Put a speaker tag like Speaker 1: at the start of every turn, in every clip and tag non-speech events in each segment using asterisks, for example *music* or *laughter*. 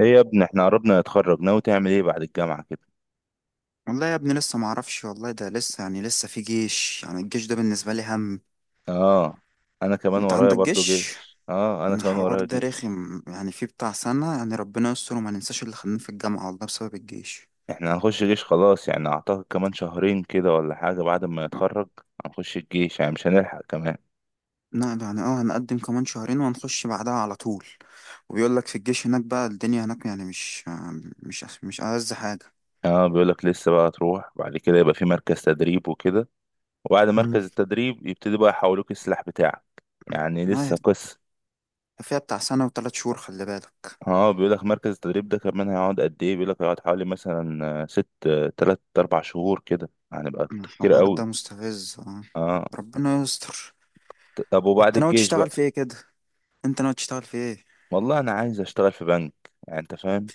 Speaker 1: ايه يا ابني، احنا قربنا نتخرج. ناوي تعمل ايه بعد الجامعة كده؟
Speaker 2: والله يا ابني لسه ما اعرفش والله، ده لسه يعني لسه في جيش. يعني الجيش ده بالنسبة لي هم.
Speaker 1: اه، انا كمان
Speaker 2: انت
Speaker 1: ورايا
Speaker 2: عندك
Speaker 1: برضو
Speaker 2: جيش؟
Speaker 1: جيش. اه، انا كمان
Speaker 2: الحوار
Speaker 1: ورايا
Speaker 2: ده
Speaker 1: جيش.
Speaker 2: رخم، يعني في بتاع سنة. يعني ربنا يستر وما ننساش اللي خلاني في الجامعة والله، بسبب الجيش.
Speaker 1: احنا هنخش جيش خلاص، يعني اعتقد كمان شهرين كده ولا حاجة بعد ما نتخرج. هنخش الجيش، يعني مش هنلحق كمان.
Speaker 2: لا ده يعني هنقدم كمان شهرين وهنخش بعدها على طول. وبيقول لك في الجيش هناك بقى الدنيا هناك يعني مش ألذ حاجة.
Speaker 1: اه، بيقولك لسه بقى تروح بعد كده، يبقى في مركز تدريب وكده، وبعد
Speaker 2: مم.
Speaker 1: مركز التدريب يبتدي بقى يحولوك السلاح بتاعك.
Speaker 2: *clears throat*
Speaker 1: يعني
Speaker 2: ما هي-
Speaker 1: لسه قصة.
Speaker 2: فيها بتاع سنة وثلاث شهور، خلي بالك.
Speaker 1: اه، بيقولك مركز التدريب ده كمان هيقعد قد ايه. بيقولك هيقعد حوالي مثلا ست تلات اربع شهور كده. هنبقى كتير
Speaker 2: الحوار ده
Speaker 1: قوي.
Speaker 2: مستفز، اه.
Speaker 1: اه.
Speaker 2: ربنا يستر.
Speaker 1: طب وبعد
Speaker 2: انت ناوي
Speaker 1: الجيش
Speaker 2: تشتغل
Speaker 1: بقى،
Speaker 2: في ايه كده؟ انت ناوي تشتغل في ايه؟
Speaker 1: والله انا عايز اشتغل في بنك. يعني انت فاهم.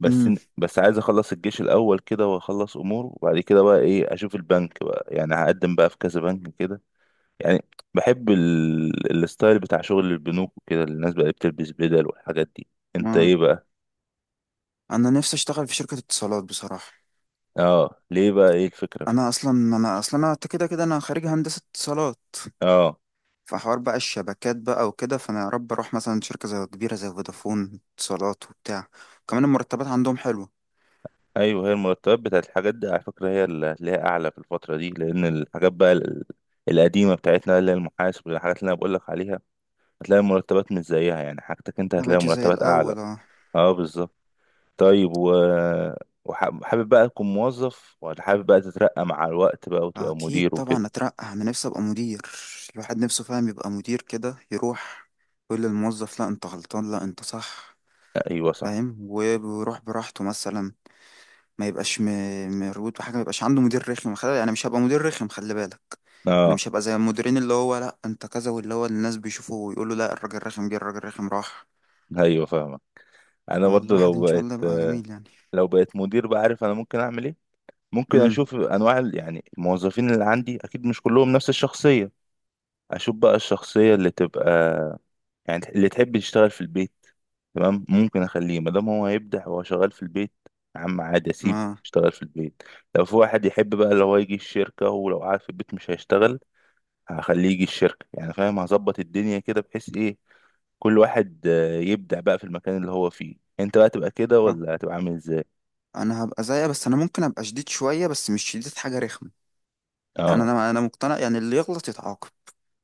Speaker 1: بس
Speaker 2: امم
Speaker 1: ن- بس عايز اخلص الجيش الاول كده واخلص امور، وبعد كده بقى ايه، اشوف البنك بقى. يعني هقدم بقى في كذا بنك كده. يعني بحب الستايل بتاع شغل البنوك وكده، اللي الناس بقى بتلبس بدل والحاجات دي. انت
Speaker 2: ما
Speaker 1: ايه بقى؟
Speaker 2: انا نفسي اشتغل في شركة اتصالات بصراحة.
Speaker 1: اه، ليه بقى؟ ايه الفكرة في؟
Speaker 2: انا اصلا كده كده انا خريج هندسة اتصالات.
Speaker 1: اه،
Speaker 2: فحوار بقى الشبكات بقى وكده، فانا يا رب اروح مثلا شركة زي كبيرة زي فودافون، اتصالات وبتاع. كمان المرتبات عندهم حلوة.
Speaker 1: ايوه. هي المرتبات بتاعت الحاجات دي على فكرة هي اللي هتلاقيها اعلى في الفترة دي، لان الحاجات بقى القديمة بتاعتنا اللي هي المحاسب والحاجات اللي انا بقول لك عليها، هتلاقي المرتبات مش زيها. يعني حاجتك انت
Speaker 2: ما
Speaker 1: هتلاقي
Speaker 2: بقتش زي
Speaker 1: مرتبات اعلى.
Speaker 2: الاول، اه.
Speaker 1: اه بالظبط. طيب، و وحابب بقى تكون موظف ولا حابب بقى تترقى مع الوقت بقى وتبقى
Speaker 2: اكيد
Speaker 1: مدير
Speaker 2: طبعا
Speaker 1: وكده؟
Speaker 2: اترقى، انا نفسي ابقى مدير. الواحد نفسه فاهم يبقى مدير كده، يروح يقول للموظف لا انت غلطان، لا انت صح.
Speaker 1: ايوه صح.
Speaker 2: فاهم؟ ويروح براحته مثلا، ما يبقاش مربوط بحاجه، ما يبقاش عنده مدير رخم. خلي، انا مش هبقى مدير رخم، خلي بالك. انا
Speaker 1: اه.
Speaker 2: مش هبقى زي المديرين اللي هو لا انت كذا، واللي هو الناس بيشوفوا ويقولوا لا الراجل رخم جه، الراجل رخم راح.
Speaker 1: ايوه فاهمك. انا برضو
Speaker 2: فالواحد
Speaker 1: لو
Speaker 2: ان شاء
Speaker 1: بقيت
Speaker 2: الله يبقى جميل يعني.
Speaker 1: لو بقيت مدير بقى، عارف انا ممكن اعمل ايه؟ ممكن
Speaker 2: امم
Speaker 1: اشوف انواع يعني الموظفين اللي عندي. اكيد مش كلهم نفس الشخصية. اشوف بقى الشخصية اللي تبقى، يعني اللي تحب يشتغل في البيت، تمام، ممكن اخليه ما دام هو هيبدع وهو شغال في البيت. يا عم عادي، اسيبه
Speaker 2: ما
Speaker 1: يشتغل في البيت. لو في واحد يحب بقى اللي هو يجي الشركة، ولو قاعد في البيت مش هيشتغل، هخليه يجي الشركة. يعني فاهم، هظبط الدنيا كده بحيث ايه، كل واحد يبدع بقى في المكان اللي هو فيه. انت بقى تبقى كده،
Speaker 2: آه.
Speaker 1: ولا هتبقى عامل ازاي؟
Speaker 2: انا هبقى زيها، بس انا ممكن ابقى شديد شويه، بس مش شديد حاجه رخمه. يعني
Speaker 1: اه.
Speaker 2: انا مقتنع، يعني اللي يغلط يتعاقب.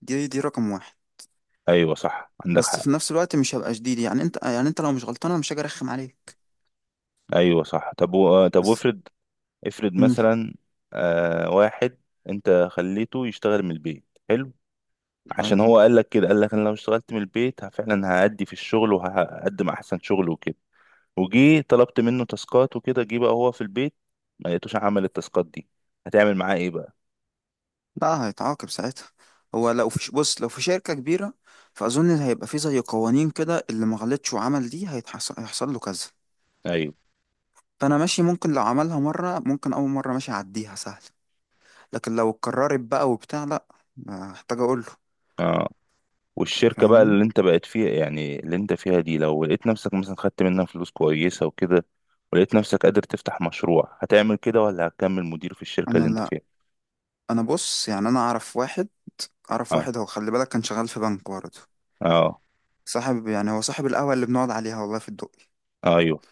Speaker 2: دي رقم واحد.
Speaker 1: ايوه صح، عندك
Speaker 2: بس
Speaker 1: حق.
Speaker 2: في نفس الوقت مش هبقى شديد، يعني انت لو مش غلطان انا مش هاجي ارخم عليك.
Speaker 1: ايوه صح. طب و... آه، طب
Speaker 2: بس.
Speaker 1: وافرض، افرض
Speaker 2: امم
Speaker 1: مثلا واحد انت خليته يشتغل من البيت، حلو، عشان
Speaker 2: حلو.
Speaker 1: هو قال لك كده، قال لك انا لو اشتغلت من البيت فعلا هأدي في الشغل وهقدم احسن شغل وكده. وجي طلبت منه تاسكات وكده، جه بقى هو في البيت ما لقيتوش عمل التاسكات دي. هتعمل معاه ايه بقى؟
Speaker 2: لا هيتعاقب ساعتها. هو لو في بص، لو في شركة كبيرة فأظن هيبقى في زي قوانين كده، اللي ما غلطش وعمل دي هيحصل له كذا.
Speaker 1: ايوه.
Speaker 2: فأنا ماشي، ممكن لو عملها مرة، ممكن أول مرة ماشي أعديها سهل، لكن لو اتكررت بقى وبتاع لأ، محتاج أقول له.
Speaker 1: اه. والشركة بقى
Speaker 2: فاهمني؟
Speaker 1: اللي انت بقت فيها، يعني اللي انت فيها دي، لو لقيت نفسك مثلا خدت منها فلوس كويسة وكده، ولقيت نفسك قادر تفتح مشروع، هتعمل كده ولا هتكمل مدير في الشركة
Speaker 2: أنا
Speaker 1: اللي انت
Speaker 2: لأ.
Speaker 1: فيها؟
Speaker 2: أنا بص، يعني أنا أعرف واحد.
Speaker 1: اه.
Speaker 2: هو خلي بالك كان شغال في بنك برضه.
Speaker 1: اه.
Speaker 2: صاحب، يعني هو صاحب القهوة اللي بنقعد عليها والله في الدقي.
Speaker 1: ايوه.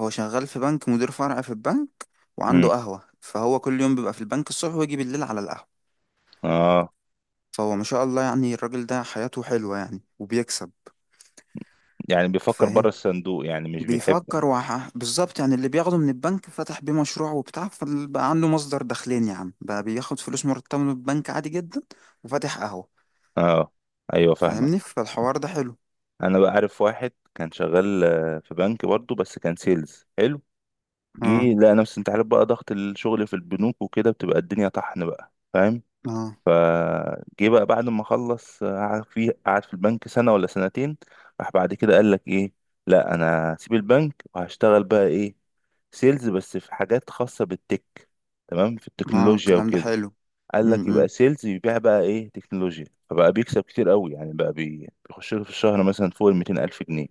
Speaker 2: هو شغال في بنك، مدير فرع في البنك، وعنده
Speaker 1: امم.
Speaker 2: قهوة، فهو كل يوم بيبقى في البنك الصبح، ويجي بالليل على القهوة.
Speaker 1: اه.
Speaker 2: فهو ما شاء الله يعني الراجل ده حياته حلوة يعني، وبيكسب.
Speaker 1: يعني بيفكر بره
Speaker 2: فاهم؟
Speaker 1: الصندوق، يعني مش بيحب.
Speaker 2: بيفكر بالظبط. يعني اللي بياخده من البنك فتح بيه مشروع وبتاع، فبقى عنده مصدر دخلين. يا عم بقى بياخد فلوس مرتبة من البنك عادي جدا، وفاتح قهوة.
Speaker 1: اه، ايوه فاهمك.
Speaker 2: فاهمني؟ فالحوار ده حلو.
Speaker 1: انا بقى عارف واحد كان شغال في بنك برضه، بس كان سيلز حلو. جه
Speaker 2: اه،
Speaker 1: لقى نفسه، انت عارف بقى ضغط الشغل في البنوك وكده، بتبقى الدنيا طحن بقى، فاهم.
Speaker 2: اه،
Speaker 1: فجه بقى بعد ما خلص قعد في قعد في البنك سنة ولا سنتين، راح بعد كده قال لك ايه، لا انا هسيب البنك وهشتغل بقى ايه، سيلز، بس في حاجات خاصة بالتك، تمام، في
Speaker 2: اه.
Speaker 1: التكنولوجيا
Speaker 2: الكلام ده
Speaker 1: وكده.
Speaker 2: حلو.
Speaker 1: قال لك يبقى
Speaker 2: امم
Speaker 1: سيلز يبيع بقى ايه، تكنولوجيا. فبقى بيكسب كتير قوي، يعني بقى بيخش له في الشهر مثلا فوق ال 200 ألف جنيه.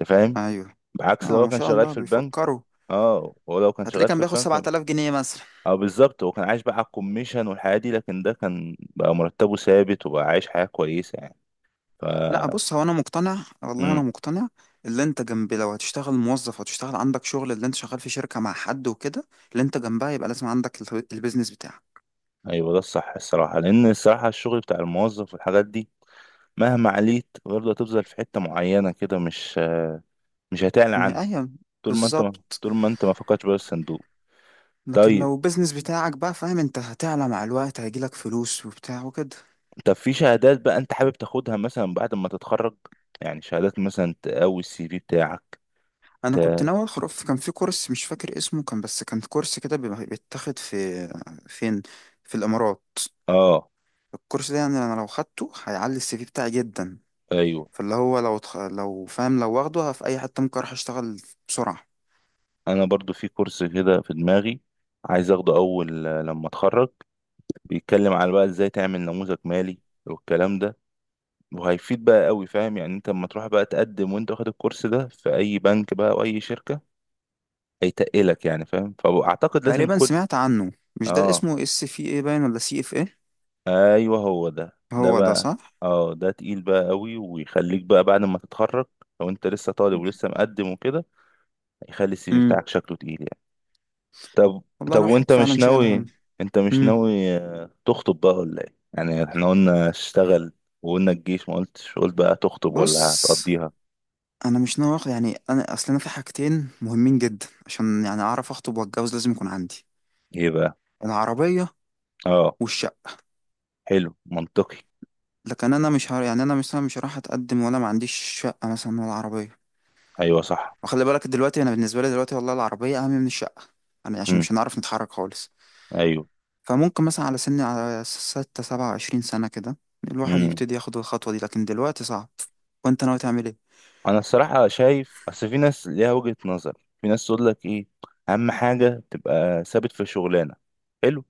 Speaker 1: انت فاهم.
Speaker 2: ايوه.
Speaker 1: بعكس لو
Speaker 2: اه،
Speaker 1: هو
Speaker 2: ما
Speaker 1: كان
Speaker 2: شاء
Speaker 1: شغال
Speaker 2: الله
Speaker 1: في البنك.
Speaker 2: بيفكروا.
Speaker 1: اه، هو لو كان
Speaker 2: هتلاقيه
Speaker 1: شغال
Speaker 2: كان
Speaker 1: في
Speaker 2: بياخد
Speaker 1: البنك،
Speaker 2: 7000 جنيه مثلا.
Speaker 1: اه بالظبط، هو كان عايش بقى على الكوميشن والحياة دي، لكن ده كان بقى مرتبه ثابت وبقى عايش حياة كويسة يعني. ف،
Speaker 2: لا بص، هو انا مقتنع، والله انا
Speaker 1: امم،
Speaker 2: مقتنع. اللي انت جنب، لو هتشتغل موظف وتشتغل عندك شغل، اللي انت شغال في شركة مع حد وكده، اللي انت جنبها يبقى لازم عندك البيزنس بتاعك.
Speaker 1: ايوه ده الصح الصراحة، لان الصراحة الشغل بتاع الموظف والحاجات دي، مهما عليت برضه هتفضل في حتة معينة كده، مش هتعلى عنها.
Speaker 2: ايوه بالظبط.
Speaker 1: طول ما انت ما فكرتش بره الصندوق.
Speaker 2: لكن
Speaker 1: طيب،
Speaker 2: لو البيزنس بتاعك بقى، فاهم، انت هتعلى مع الوقت هيجيلك فلوس وبتاع وكده.
Speaker 1: طب في شهادات بقى انت حابب تاخدها مثلا بعد ما تتخرج، يعني شهادات مثلا تقوي السي في بتاعك؟
Speaker 2: انا
Speaker 1: ت...
Speaker 2: كنت ناوي ادخل كان في كورس مش فاكر اسمه، كان بس كان كورس كده بيبقى بيتاخد في فين؟ في الامارات.
Speaker 1: اه،
Speaker 2: الكورس ده يعني انا لو خدته هيعلي الـCV بتاعي جدا.
Speaker 1: ايوه،
Speaker 2: فاللي هو لو لو فاهم، لو واخده في اي حته ممكن اروح اشتغل بسرعه.
Speaker 1: انا برضو في كورس كده في دماغي عايز اخده اول لما اتخرج، بيتكلم على بقى ازاي تعمل نموذج مالي والكلام ده. وهيفيد بقى قوي، فاهم، يعني انت لما تروح بقى تقدم وانت واخد الكورس ده في اي بنك بقى او اي شركة، هيتقلك، يعني فاهم. فاعتقد لازم
Speaker 2: تقريبا
Speaker 1: كل.
Speaker 2: سمعت عنه. مش ده اللي
Speaker 1: اه،
Speaker 2: اسمه SVA باين، ولا CFA؟
Speaker 1: ايوه، هو ده
Speaker 2: هو ده
Speaker 1: بقى.
Speaker 2: صح.
Speaker 1: اه، ده تقيل بقى قوي، ويخليك بقى بعد ما تتخرج، لو انت لسه طالب ولسه مقدم وكده، هيخلي السي في
Speaker 2: امم
Speaker 1: بتاعك شكله تقيل يعني. طب،
Speaker 2: والله
Speaker 1: طب وانت
Speaker 2: الواحد
Speaker 1: مش
Speaker 2: فعلا شايل هم.
Speaker 1: ناوي، انت مش
Speaker 2: امم
Speaker 1: ناوي تخطب بقى ولا ايه؟ يعني احنا قلنا اشتغل، وقلنا الجيش، ما قلتش قلت بقى تخطب ولا
Speaker 2: بص
Speaker 1: هتقضيها.
Speaker 2: انا مش ناوي اخد، يعني انا اصل انا في حاجتين مهمين جدا، عشان يعني اعرف اخطب واتجوز لازم يكون عندي
Speaker 1: ايه بقى؟
Speaker 2: العربيه
Speaker 1: اه،
Speaker 2: والشقه.
Speaker 1: حلو، منطقي.
Speaker 2: لكن انا مش يعني انا مثلا مش هروح اتقدم ولا ما عنديش شقه مثلا ولا عربيه.
Speaker 1: ايوه صح.
Speaker 2: وخلي بالك دلوقتي انا بالنسبه لي دلوقتي والله العربيه اهم من الشقه، يعني عشان
Speaker 1: امم.
Speaker 2: مش هنعرف نتحرك خالص.
Speaker 1: ايوه.
Speaker 2: فممكن مثلا على 26 27 سنة كده الواحد
Speaker 1: امم.
Speaker 2: يبتدي ياخد الخطوة دي، لكن دلوقتي صعب. وانت ناوي تعمل ايه؟
Speaker 1: انا الصراحه شايف، اصل في ناس ليها وجهة نظر، في ناس تقول لك ايه، اهم حاجه تبقى ثابت في شغلانه، حلو،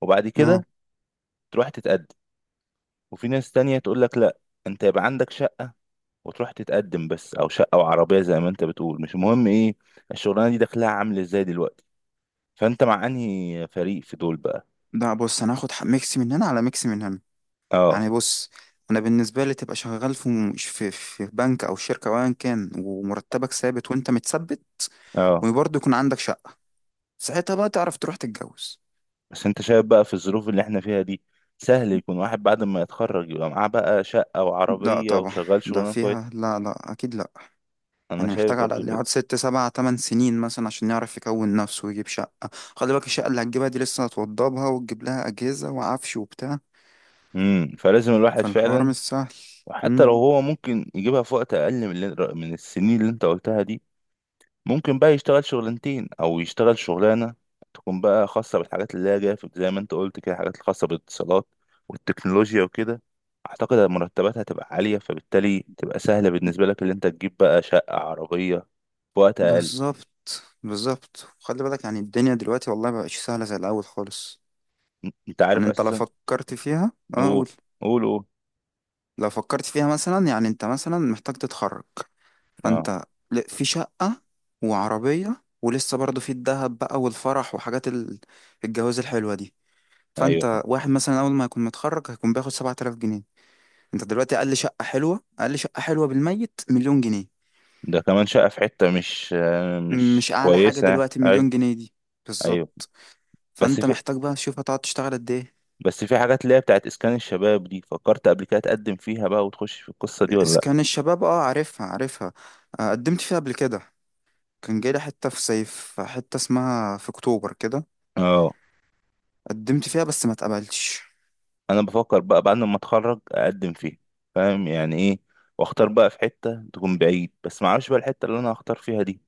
Speaker 1: وبعد
Speaker 2: اه،
Speaker 1: كده تروح تتقدم. وفي ناس تانية تقول لك لا، انت يبقى عندك شقه وتروح تتقدم بس، او شقه او عربيه، زي ما انت بتقول، مش مهم ايه الشغلانه دي دخلها عامل ازاي دلوقتي. فانت مع انهي فريق في دول بقى؟
Speaker 2: لا بص انا هاخد ميكس من هنا على ميكس من هنا.
Speaker 1: اه.
Speaker 2: يعني بص، انا بالنسبة لي تبقى شغال في في, بنك او شركة او ايا كان، ومرتبك ثابت وانت متثبت،
Speaker 1: اه.
Speaker 2: وبرضه يكون عندك شقة. ساعتها بقى تعرف تروح تتجوز.
Speaker 1: بس انت شايف بقى في الظروف اللي احنا فيها دي، سهل يكون واحد بعد ما يتخرج يبقى معاه بقى شقه
Speaker 2: لا
Speaker 1: وعربيه
Speaker 2: طبعا،
Speaker 1: وشغال
Speaker 2: ده
Speaker 1: شغلانه كويس؟
Speaker 2: فيها لا، لا اكيد لا.
Speaker 1: انا
Speaker 2: يعني
Speaker 1: شايف
Speaker 2: محتاج على
Speaker 1: برضو
Speaker 2: الأقل
Speaker 1: كده.
Speaker 2: يقعد 6 7 8 سنين مثلا عشان يعرف يكون نفسه ويجيب شقة. خلي بالك الشقة اللي هتجيبها دي لسه هتوضبها وتجيب لها أجهزة وعفش وبتاع.
Speaker 1: فلازم الواحد
Speaker 2: فالحوار
Speaker 1: فعلا.
Speaker 2: مش سهل.
Speaker 1: وحتى لو
Speaker 2: مم.
Speaker 1: هو ممكن يجيبها في وقت اقل من من السنين اللي انت قلتها دي، ممكن بقى يشتغل شغلانتين، او يشتغل شغلانه تكون بقى خاصه بالحاجات اللي هي جايه زي ما انت قلت كده، الحاجات الخاصه بالاتصالات والتكنولوجيا وكده. اعتقد المرتبات هتبقى عاليه، فبالتالي تبقى سهله بالنسبه لك اللي انت تجيب بقى شقه عربيه في وقت اقل.
Speaker 2: بالظبط، بالظبط. خلي بالك يعني الدنيا دلوقتي والله مبقتش سهلة زي الأول خالص.
Speaker 1: انت
Speaker 2: يعني
Speaker 1: عارف
Speaker 2: أنت لو
Speaker 1: اساسا.
Speaker 2: فكرت فيها أه
Speaker 1: قول،
Speaker 2: قول.
Speaker 1: قول قول.
Speaker 2: لو فكرت فيها مثلا، يعني أنت مثلا محتاج تتخرج.
Speaker 1: اه،
Speaker 2: فأنت في شقة وعربية، ولسه برضه في الدهب بقى والفرح وحاجات الجواز الحلوة دي.
Speaker 1: ايوه
Speaker 2: فانت
Speaker 1: فاهم.
Speaker 2: واحد مثلا اول ما يكون متخرج هيكون بياخد 7000 جنيه. انت دلوقتي اقل شقه حلوه، اقل شقه حلوه بالـ100 مليون جنيه.
Speaker 1: ده كمان شقه في حته مش مش
Speaker 2: مش اعلى حاجه
Speaker 1: كويسه،
Speaker 2: دلوقتي،
Speaker 1: ايوه.
Speaker 2: مليون جنيه دي.
Speaker 1: ايوه.
Speaker 2: بالظبط.
Speaker 1: بس
Speaker 2: فانت
Speaker 1: في
Speaker 2: محتاج بقى تشوف هتقعد تشتغل قد ايه.
Speaker 1: بس في حاجات اللي هي بتاعت اسكان الشباب دي، فكرت قبل كده تقدم فيها بقى وتخش في القصه دي ولا لا؟
Speaker 2: اسكان الشباب، اه عارفها، عارفها. آه، قدمت فيها قبل كده. كان جاي لي حته في صيف، حته اسمها في اكتوبر كده.
Speaker 1: اه،
Speaker 2: قدمت فيها بس ما اتقبلتش.
Speaker 1: انا بفكر بقى بعد ما اتخرج اقدم فيه. فاهم يعني ايه، واختار بقى في حتة تكون بعيد، بس ما اعرفش بقى الحتة اللي انا هختار فيها دي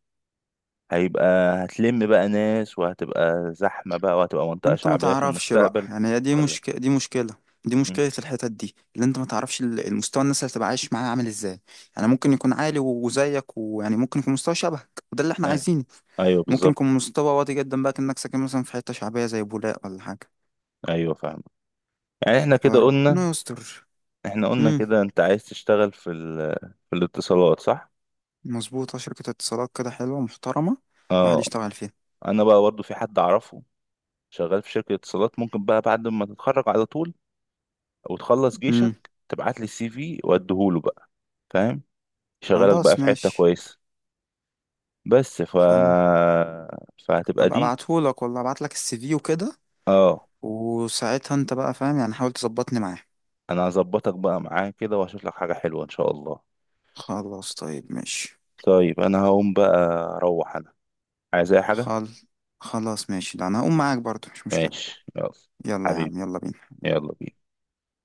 Speaker 1: هيبقى، هتلم بقى ناس، وهتبقى زحمة بقى، وهتبقى منطقة
Speaker 2: انت ما
Speaker 1: شعبية في
Speaker 2: تعرفش بقى،
Speaker 1: المستقبل
Speaker 2: يعني هي دي
Speaker 1: ولا.
Speaker 2: مشكلة. دي مشكلة، دي
Speaker 1: مم.
Speaker 2: مشكلة الحتت دي اللي انت ما تعرفش المستوى الناس اللي هتبقى عايش معاه عامل ازاي. يعني ممكن يكون عالي وزيك، ويعني ممكن يكون مستوى شبهك، وده اللي احنا
Speaker 1: أيوة.
Speaker 2: عايزينه.
Speaker 1: ايوه
Speaker 2: ممكن
Speaker 1: بالظبط.
Speaker 2: يكون مستوى واطي جدا بقى، كأنك ساكن مثلا في حتة شعبية زي بولاق ولا حاجة.
Speaker 1: ايوه فاهم. يعني احنا كده قلنا،
Speaker 2: فربنا يستر.
Speaker 1: احنا قلنا
Speaker 2: امم
Speaker 1: كده انت عايز تشتغل في في الاتصالات، صح؟
Speaker 2: مظبوطة، شركة اتصالات كده حلوة محترمة، الواحد
Speaker 1: اه،
Speaker 2: يشتغل فيها.
Speaker 1: انا بقى برضو في حد اعرفه شغال في شركة اتصالات، ممكن بقى بعد ما تتخرج على طول او تخلص جيشك،
Speaker 2: امم
Speaker 1: تبعت لي السي في واديهوله بقى، فاهم، يشغلك بقى
Speaker 2: خلاص
Speaker 1: في حتة
Speaker 2: ماشي.
Speaker 1: كويسة. بس ف
Speaker 2: خل...
Speaker 1: فهتبقى
Speaker 2: ابقى
Speaker 1: دي.
Speaker 2: ابعتهولك والله، ابعتلك الـCV وكده،
Speaker 1: اه،
Speaker 2: وساعتها انت بقى فاهم، يعني حاول تظبطني معاه.
Speaker 1: انا هظبطك بقى معاه كده وهشوف لك حاجة حلوة ان شاء الله.
Speaker 2: خلاص طيب ماشي.
Speaker 1: طيب انا هقوم بقى، اروح انا. عايز اي حاجة؟
Speaker 2: خل... خلاص ماشي، ده انا هقوم معاك برضه مش مشكلة.
Speaker 1: ماشي، يلا.
Speaker 2: يلا يا
Speaker 1: حبيبي،
Speaker 2: عم، يلا بينا.
Speaker 1: يلا بينا.